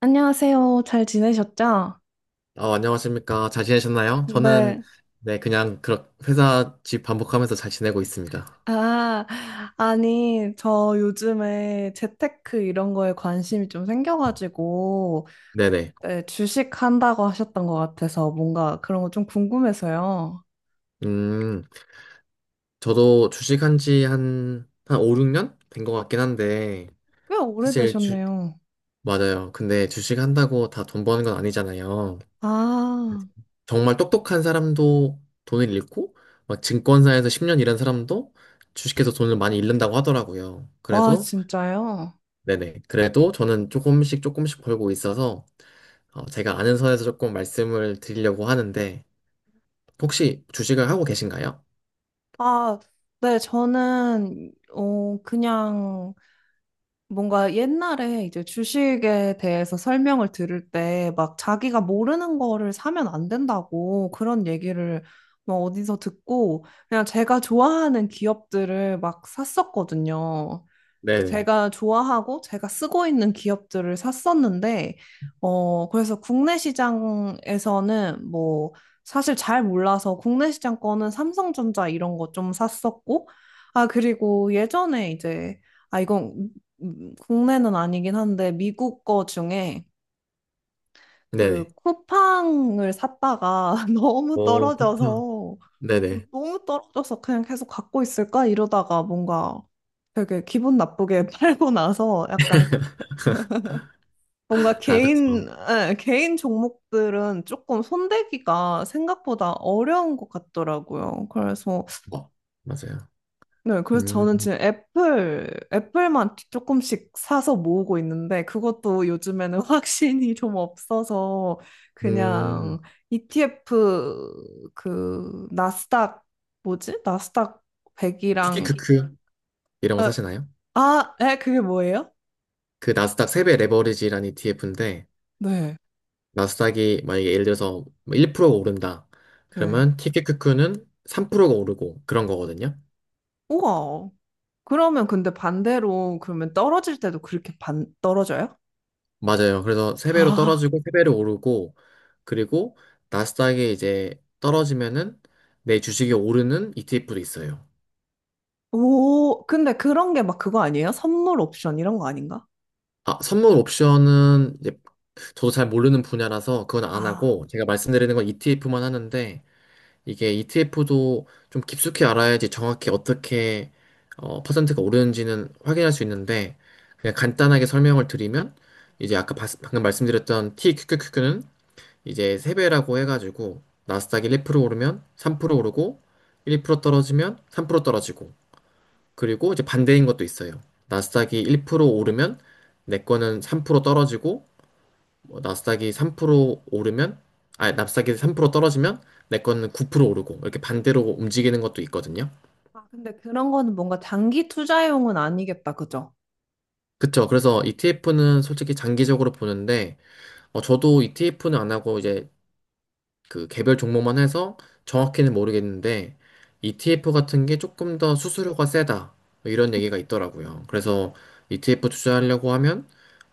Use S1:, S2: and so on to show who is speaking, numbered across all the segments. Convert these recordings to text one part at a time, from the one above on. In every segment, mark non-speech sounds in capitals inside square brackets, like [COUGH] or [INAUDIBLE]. S1: 안녕하세요. 잘 지내셨죠?
S2: 안녕하십니까. 잘 지내셨나요?
S1: 네.
S2: 네, 그냥, 회사 집 반복하면서 잘 지내고 있습니다.
S1: 아, 아니, 저 요즘에 재테크 이런 거에 관심이 좀 생겨가지고,
S2: 네네.
S1: 그때 주식 한다고 하셨던 것 같아서 뭔가 그런 거 좀 궁금해서요.
S2: 음, 저도 주식한 지 한 5, 6년 된 것 같긴 한데,
S1: 꽤
S2: 사실,
S1: 오래되셨네요.
S2: 맞아요. 근데 주식한다고 다 돈 버는 건 아니잖아요.
S1: 아,
S2: 정말 똑똑한 사람도 돈을 잃고, 막 증권사에서 10년 일한 사람도 주식해서 돈을 많이 잃는다고 하더라고요.
S1: 와,
S2: 그래도
S1: 진짜요?
S2: 네네. 그래도 저는 조금씩 조금씩 벌고 있어서 제가 아는 선에서 조금 말씀을 드리려고 하는데 혹시 주식을 하고 계신가요?
S1: 아, 네, 저는, 그냥 뭔가 옛날에 이제 주식에 대해서 설명을 들을 때 막 자기가 모르는 거를 사면 안 된다고 그런 얘기를 뭐 어디서 듣고 그냥 제가 좋아하는 기업들을 막 샀었거든요.
S2: 네네.
S1: 제가 좋아하고 제가 쓰고 있는 기업들을 샀었는데, 그래서 국내 시장에서는 뭐, 사실 잘 몰라서 국내 시장 거는 삼성전자 이런 거 좀 샀었고, 아, 그리고 예전에 이제, 아, 이건 국내는 아니긴 한데, 미국 거 중에
S2: 네네.
S1: 그 쿠팡을 샀다가 [LAUGHS] 너무
S2: 오, 쿠팡.
S1: 떨어져서,
S2: 네네.
S1: 너무 떨어져서 그냥 계속 갖고 있을까? 이러다가 뭔가 되게 기분 나쁘게 [LAUGHS] 팔고 나서 약간
S2: [LAUGHS]
S1: 뭔가
S2: 아,
S1: 개인,
S2: 그렇죠.
S1: 예, 개인 종목들은 조금 손대기가 생각보다 어려운 것 같더라고요. 그래서,
S2: 어, 맞아요.
S1: 네, 그래서
S2: 음,
S1: 저는 지금 애플, 애플만 조금씩 사서 모으고 있는데 그것도 요즘에는 [LAUGHS] 확신이 좀 없어서
S2: 음,
S1: 그냥 ETF 그 나스닥 뭐지? 나스닥
S2: 티켓
S1: 100이랑
S2: 큐큐 이런
S1: 어,
S2: 거 사시나요?
S1: 그게 뭐예요?
S2: 그 나스닥 3배 레버리지라는 ETF인데
S1: 네,
S2: 나스닥이 만약에 예를 들어서 1%가 오른다.
S1: 네.
S2: 그러면 티켓큐큐는 3%가 오르고 그런 거거든요.
S1: 우와. 그러면 근데 반대로 그러면 떨어질 때도 그렇게 반 떨어져요?
S2: 맞아요. 그래서 3배로
S1: 아,
S2: 떨어지고 3배로 오르고 그리고 나스닥에 이제 떨어지면은 내 주식이 오르는 ETF도 있어요.
S1: 오, 근데 그런 게 막 그거 아니에요? 선물 옵션 이런 거 아닌가?
S2: 아, 선물 옵션은 이제 저도 잘 모르는 분야라서 그건 안
S1: 아,
S2: 하고 제가 말씀드리는 건 ETF만 하는데 이게 ETF도 좀 깊숙이 알아야지 정확히 어떻게 퍼센트가 오르는지는 확인할 수 있는데 그냥 간단하게 설명을 드리면 이제 아까 방금 말씀드렸던 TQQQ는 이제 3배라고 해가지고 나스닥이 1% 오르면 3% 오르고 1% 떨어지면 3% 떨어지고 그리고 이제 반대인 것도 있어요. 나스닥이 1% 오르면 내 거는 3% 떨어지고 뭐 나스닥이 3% 오르면 아, 나스닥이 3% 떨어지면 내 거는 9% 오르고 이렇게 반대로 움직이는 것도 있거든요.
S1: 아, 근데 그런 거는 뭔가 장기 투자용은 아니겠다, 그죠?
S2: 그쵸. 그래서 ETF는 솔직히 장기적으로 보는데 저도 ETF는 안 하고 이제 그 개별 종목만 해서 정확히는 모르겠는데 ETF 같은 게 조금 더 수수료가 세다 뭐 이런 얘기가 있더라고요. 그래서 ETF 투자하려고 하면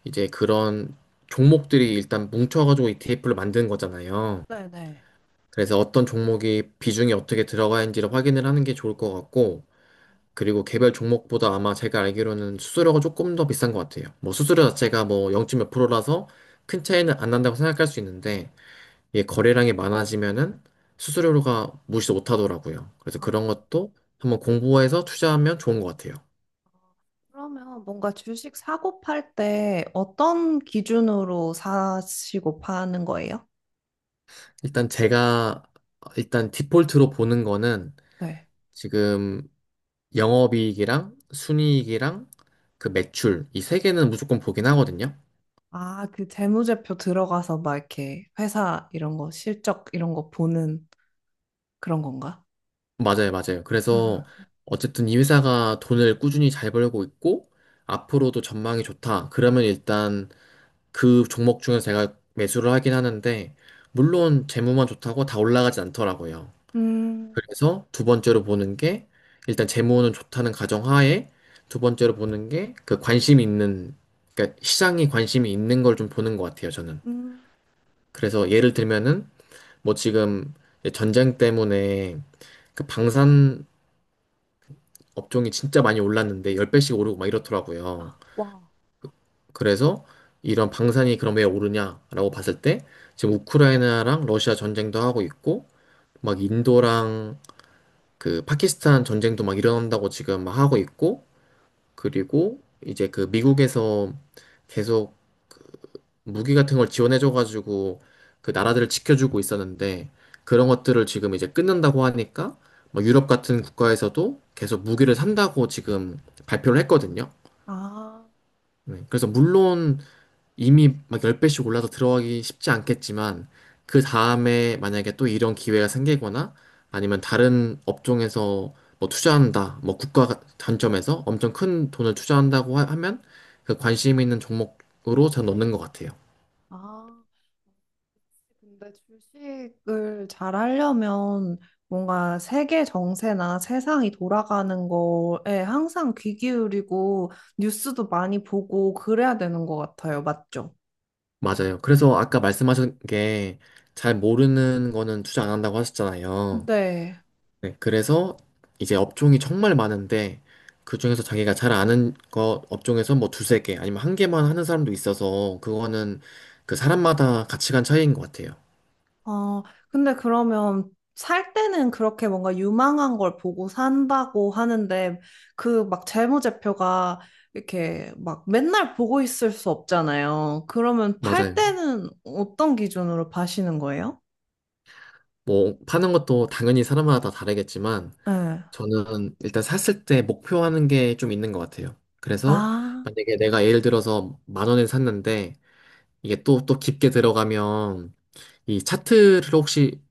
S2: 이제 그런 종목들이 일단 뭉쳐가지고 ETF를 만드는 거잖아요.
S1: 네네.
S2: 그래서 어떤 종목이 비중이 어떻게 들어가 있는지를 확인을 하는 게 좋을 것 같고 그리고 개별 종목보다 아마 제가 알기로는 수수료가 조금 더 비싼 것 같아요. 뭐 수수료 자체가 뭐 0. 몇 프로라서 큰 차이는 안 난다고 생각할 수 있는데 이게 거래량이 많아지면은 수수료가 무시 못하더라고요. 그래서 그런
S1: 아,
S2: 것도 한번 공부해서 투자하면 좋은 것 같아요.
S1: 그러면 뭔가 주식 사고 팔 때 어떤 기준으로 사시고 파는 거예요?
S2: 일단 제가 일단 디폴트로 보는 거는
S1: 네.
S2: 지금 영업이익이랑 순이익이랑 그 매출 이 세 개는 무조건 보긴 하거든요.
S1: 아, 그 재무제표 들어가서 막 이렇게 회사 이런 거 실적 이런 거 보는 그런 건가?
S2: 맞아요, 맞아요. 그래서 어쨌든 이 회사가 돈을 꾸준히 잘 벌고 있고 앞으로도 전망이 좋다. 그러면 일단 그 종목 중에서 제가 매수를 하긴 하는데, 물론 재무만 좋다고 다 올라가지 않더라고요.
S1: 음,
S2: 그래서 두 번째로 보는 게, 일단 재무는 좋다는 가정하에, 두 번째로 보는 게 그 관심 있는, 그러니까 시장이 관심이 있는 걸 좀 보는 것 같아요, 저는.
S1: 음,
S2: 그래서 예를 들면은, 뭐 지금 전쟁 때문에 그 방산 업종이 진짜 많이 올랐는데, 10배씩 오르고 막 이렇더라고요.
S1: 아, 와,
S2: 그래서 이런 방산이 그럼 왜 오르냐라고 봤을 때 지금 우크라이나랑 러시아 전쟁도 하고 있고 막 인도랑 그 파키스탄 전쟁도 막 일어난다고 지금 막 하고 있고 그리고 이제 그 미국에서 계속 무기 같은 걸 지원해줘가지고 그 나라들을 지켜주고 있었는데 그런 것들을 지금 이제 끊는다고 하니까 막 유럽 같은 국가에서도 계속 무기를 산다고 지금 발표를 했거든요.
S1: 아,
S2: 네, 그래서 물론 이미 막 10배씩 올라서 들어가기 쉽지 않겠지만 그 다음에 만약에 또 이런 기회가 생기거나 아니면 다른 업종에서 뭐 투자한다, 뭐 국가 단점에서 엄청 큰 돈을 투자한다고 하면 그 관심 있는 종목으로 잘 넣는 것 같아요.
S1: 아. 근데 주식을 잘 하려면 뭔가 세계 정세나 세상이 돌아가는 거에 항상 귀 기울이고 뉴스도 많이 보고 그래야 되는 것 같아요. 맞죠?
S2: 맞아요. 그래서 아까 말씀하신 게 잘 모르는 거는 투자 안 한다고 하셨잖아요.
S1: 네.
S2: 네, 그래서 이제 업종이 정말 많은데 그중에서 자기가 잘 아는 거 업종에서 뭐 두세 개 아니면 한 개만 하는 사람도 있어서 그거는 그 사람마다 가치관 차이인 것 같아요.
S1: 어, 근데 그러면 살 때는 그렇게 뭔가 유망한 걸 보고 산다고 하는데 그 막 재무제표가 이렇게 막 맨날 보고 있을 수 없잖아요. 그러면 팔
S2: 맞아요.
S1: 때는 어떤 기준으로 파시는 거예요?
S2: 뭐 파는 것도 당연히 사람마다 다 다르겠지만
S1: 네.
S2: 저는 일단 샀을 때 목표하는 게 좀 있는 것 같아요. 그래서
S1: 아,
S2: 만약에 내가 예를 들어서 만 원에 샀는데 이게 또 깊게 들어가면 이 차트를 혹시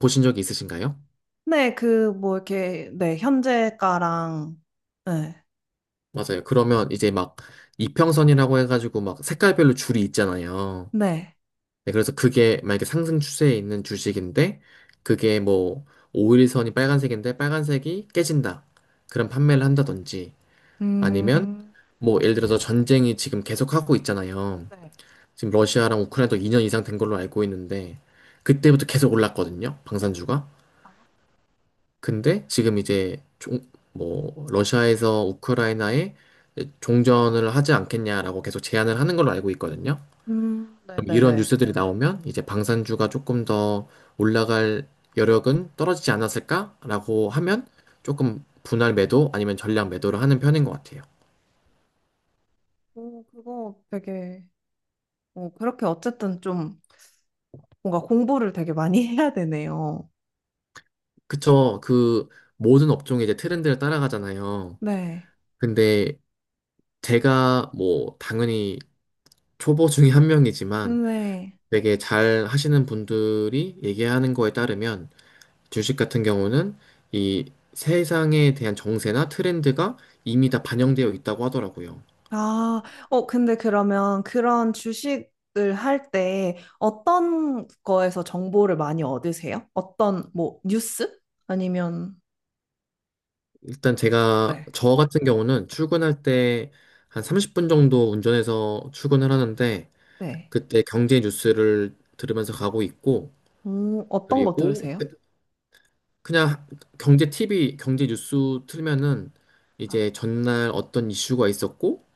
S2: 보신 적이 있으신가요?
S1: 네, 그 뭐 이렇게 네, 현재가랑 네.
S2: 맞아요. 그러면 이제 막 이평선이라고 해가지고 막 색깔별로 줄이 있잖아요.
S1: 네.
S2: 네, 그래서 그게 만약에 상승 추세에 있는 주식인데 그게 뭐 5일선이 빨간색인데 빨간색이 깨진다. 그런 판매를 한다든지 아니면
S1: 음,
S2: 뭐 예를 들어서 전쟁이 지금 계속하고 있잖아요.
S1: 네.
S2: 지금 러시아랑 우크라이나도 2년 이상 된 걸로 알고 있는데 그때부터 계속 올랐거든요. 방산주가. 근데 지금 이제 뭐 러시아에서 우크라이나에 종전을 하지 않겠냐라고 계속 제안을 하는 걸로 알고 있거든요. 그럼 이런
S1: 네네네.
S2: 뉴스들이 나오면 이제 방산주가 조금 더 올라갈 여력은 떨어지지 않았을까라고 하면 조금 분할 매도 아니면 전량 매도를 하는 편인 것 같아요.
S1: 오, 그거 되게, 오, 그렇게 어쨌든 좀 뭔가 공부를 되게 많이 [LAUGHS] 해야 되네요.
S2: 그쵸. 그 모든 업종이 이제 트렌드를 따라가잖아요.
S1: 네.
S2: 근데 제가 뭐 당연히 초보 중에 한 명이지만
S1: 네.
S2: 되게 잘 하시는 분들이 얘기하는 거에 따르면 주식 같은 경우는 이 세상에 대한 정세나 트렌드가 이미 다 반영되어 있다고 하더라고요.
S1: 아, 근데 그러면 그런 주식을 할 때 어떤 거에서 정보를 많이 얻으세요? 어떤, 뭐, 뉴스? 아니면,
S2: 일단 제가
S1: 네.
S2: 저 같은 경우는 출근할 때 한 30분 정도 운전해서 출근을 하는데
S1: 네.
S2: 그때 경제 뉴스를 들으면서 가고 있고
S1: 오, 어떤 거
S2: 그리고
S1: 들으세요?
S2: 그냥 경제 TV, 경제 뉴스 틀면은
S1: 아,
S2: 이제 전날 어떤 이슈가 있었고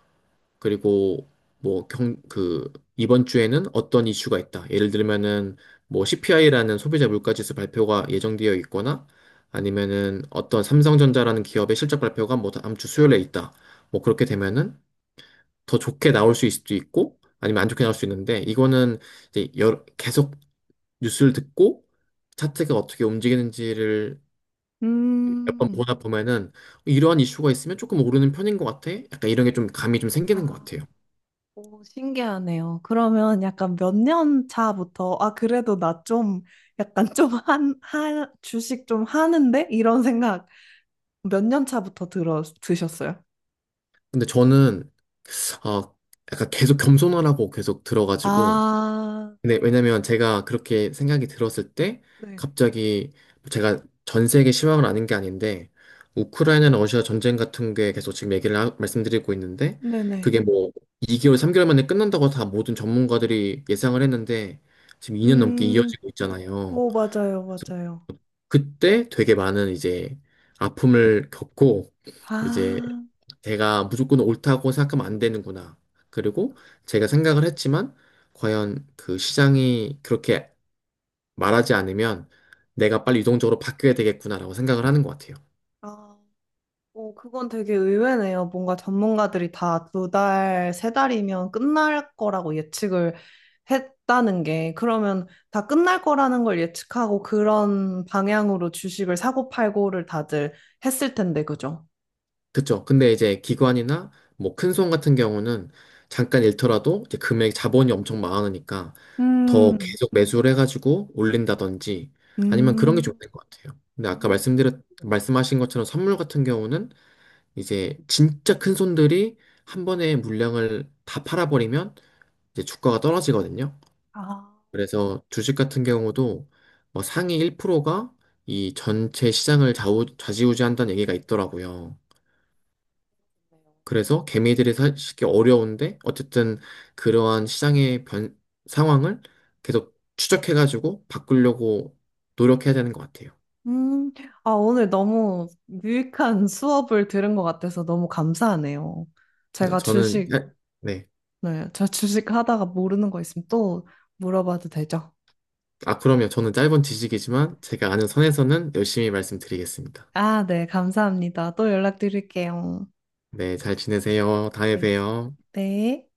S2: 그리고 뭐 그 이번 주에는 어떤 이슈가 있다. 예를 들면은 뭐 CPI라는 소비자 물가지수 발표가 예정되어 있거나 아니면은 어떤 삼성전자라는 기업의 실적 발표가 뭐 다음 주 수요일에 있다. 뭐 그렇게 되면은 더 좋게 나올 수 있을 수도 있고 아니면 안 좋게 나올 수 있는데 이거는 이제 계속 뉴스를 듣고 차트가 어떻게 움직이는지를 몇 번
S1: 음,
S2: 보다 보면은 이러한 이슈가 있으면 조금 오르는 편인 것 같아. 약간 이런 게 좀 감이 좀 생기는 것
S1: 아,
S2: 같아요.
S1: 오, 신기하네요. 그러면 약간 몇 년 차부터, 아, 그래도 나 좀, 약간 좀 주식 좀 하는데? 이런 생각 몇 년 차부터 들어 드셨어요?
S2: 근데 저는 어, 약간 계속 겸손하라고 계속 들어가지고.
S1: 아,
S2: 근데 왜냐면 제가 그렇게 생각이 들었을 때
S1: 네.
S2: 갑자기 뭐 제가 전 세계 실망을 아는 게 아닌데 우크라이나나 러시아 전쟁 같은 게 계속 지금 얘기를 말씀드리고 있는데
S1: 네네.
S2: 그게 뭐 2개월, 3개월 만에 끝난다고 다 모든 전문가들이 예상을 했는데 지금 2년 넘게
S1: 음,
S2: 이어지고 있잖아요.
S1: 오, 맞아요,
S2: 그래서
S1: 맞아요.
S2: 그때 되게 많은 이제 아픔을 겪고 이제
S1: 아,
S2: 내가 무조건 옳다고 생각하면 안 되는구나. 그리고 제가 생각을 했지만, 과연 그 시장이 그렇게 말하지 않으면 내가 빨리 유동적으로 바뀌어야 되겠구나라고 생각을 하는 것 같아요.
S1: 아, 오 그건 되게 의외네요. 뭔가 전문가들이 다 두 달, 세 달이면 끝날 거라고 예측을 했다는 게, 그러면 다 끝날 거라는 걸 예측하고 그런 방향으로 주식을 사고 팔고를 다들 했을 텐데, 그죠?
S2: 그쵸? 근데 이제 기관이나 뭐 큰손 같은 경우는 잠깐 잃더라도 이제 금액 자본이 엄청 많으니까 더
S1: 음,
S2: 계속 매수를 해가지고 올린다든지 아니면 그런 게 좀
S1: 음,
S2: 있는 것 같아요. 근데 아까
S1: 음.
S2: 말씀하신 것처럼 선물 같은 경우는 이제 진짜 큰 손들이 한 번에 물량을 다 팔아버리면 이제 주가가 떨어지거든요.
S1: 아.
S2: 그래서 주식 같은 경우도 뭐 상위 1%가 이 전체 시장을 좌지우지한다는 얘기가 있더라고요. 그래서 개미들이 사기 어려운데 어쨌든 그러한 시장의 상황을 계속 추적해가지고 바꾸려고 노력해야 되는 것 같아요.
S1: 음, 아, 오늘 너무 유익한 수업을 들은 것 같아서 너무 감사하네요.
S2: 아니요,
S1: 제가
S2: 저는
S1: 주식,
S2: 네.
S1: 네, 저 주식 하다가 모르는 거 있으면 또 물어봐도 되죠?
S2: 아, 그러면 저는 짧은 지식이지만 제가 아는 선에서는 열심히 말씀드리겠습니다.
S1: 아, 네, 감사합니다. 또 연락드릴게요.
S2: 네, 잘 지내세요. 다음에
S1: 네,
S2: 봬요.
S1: 네.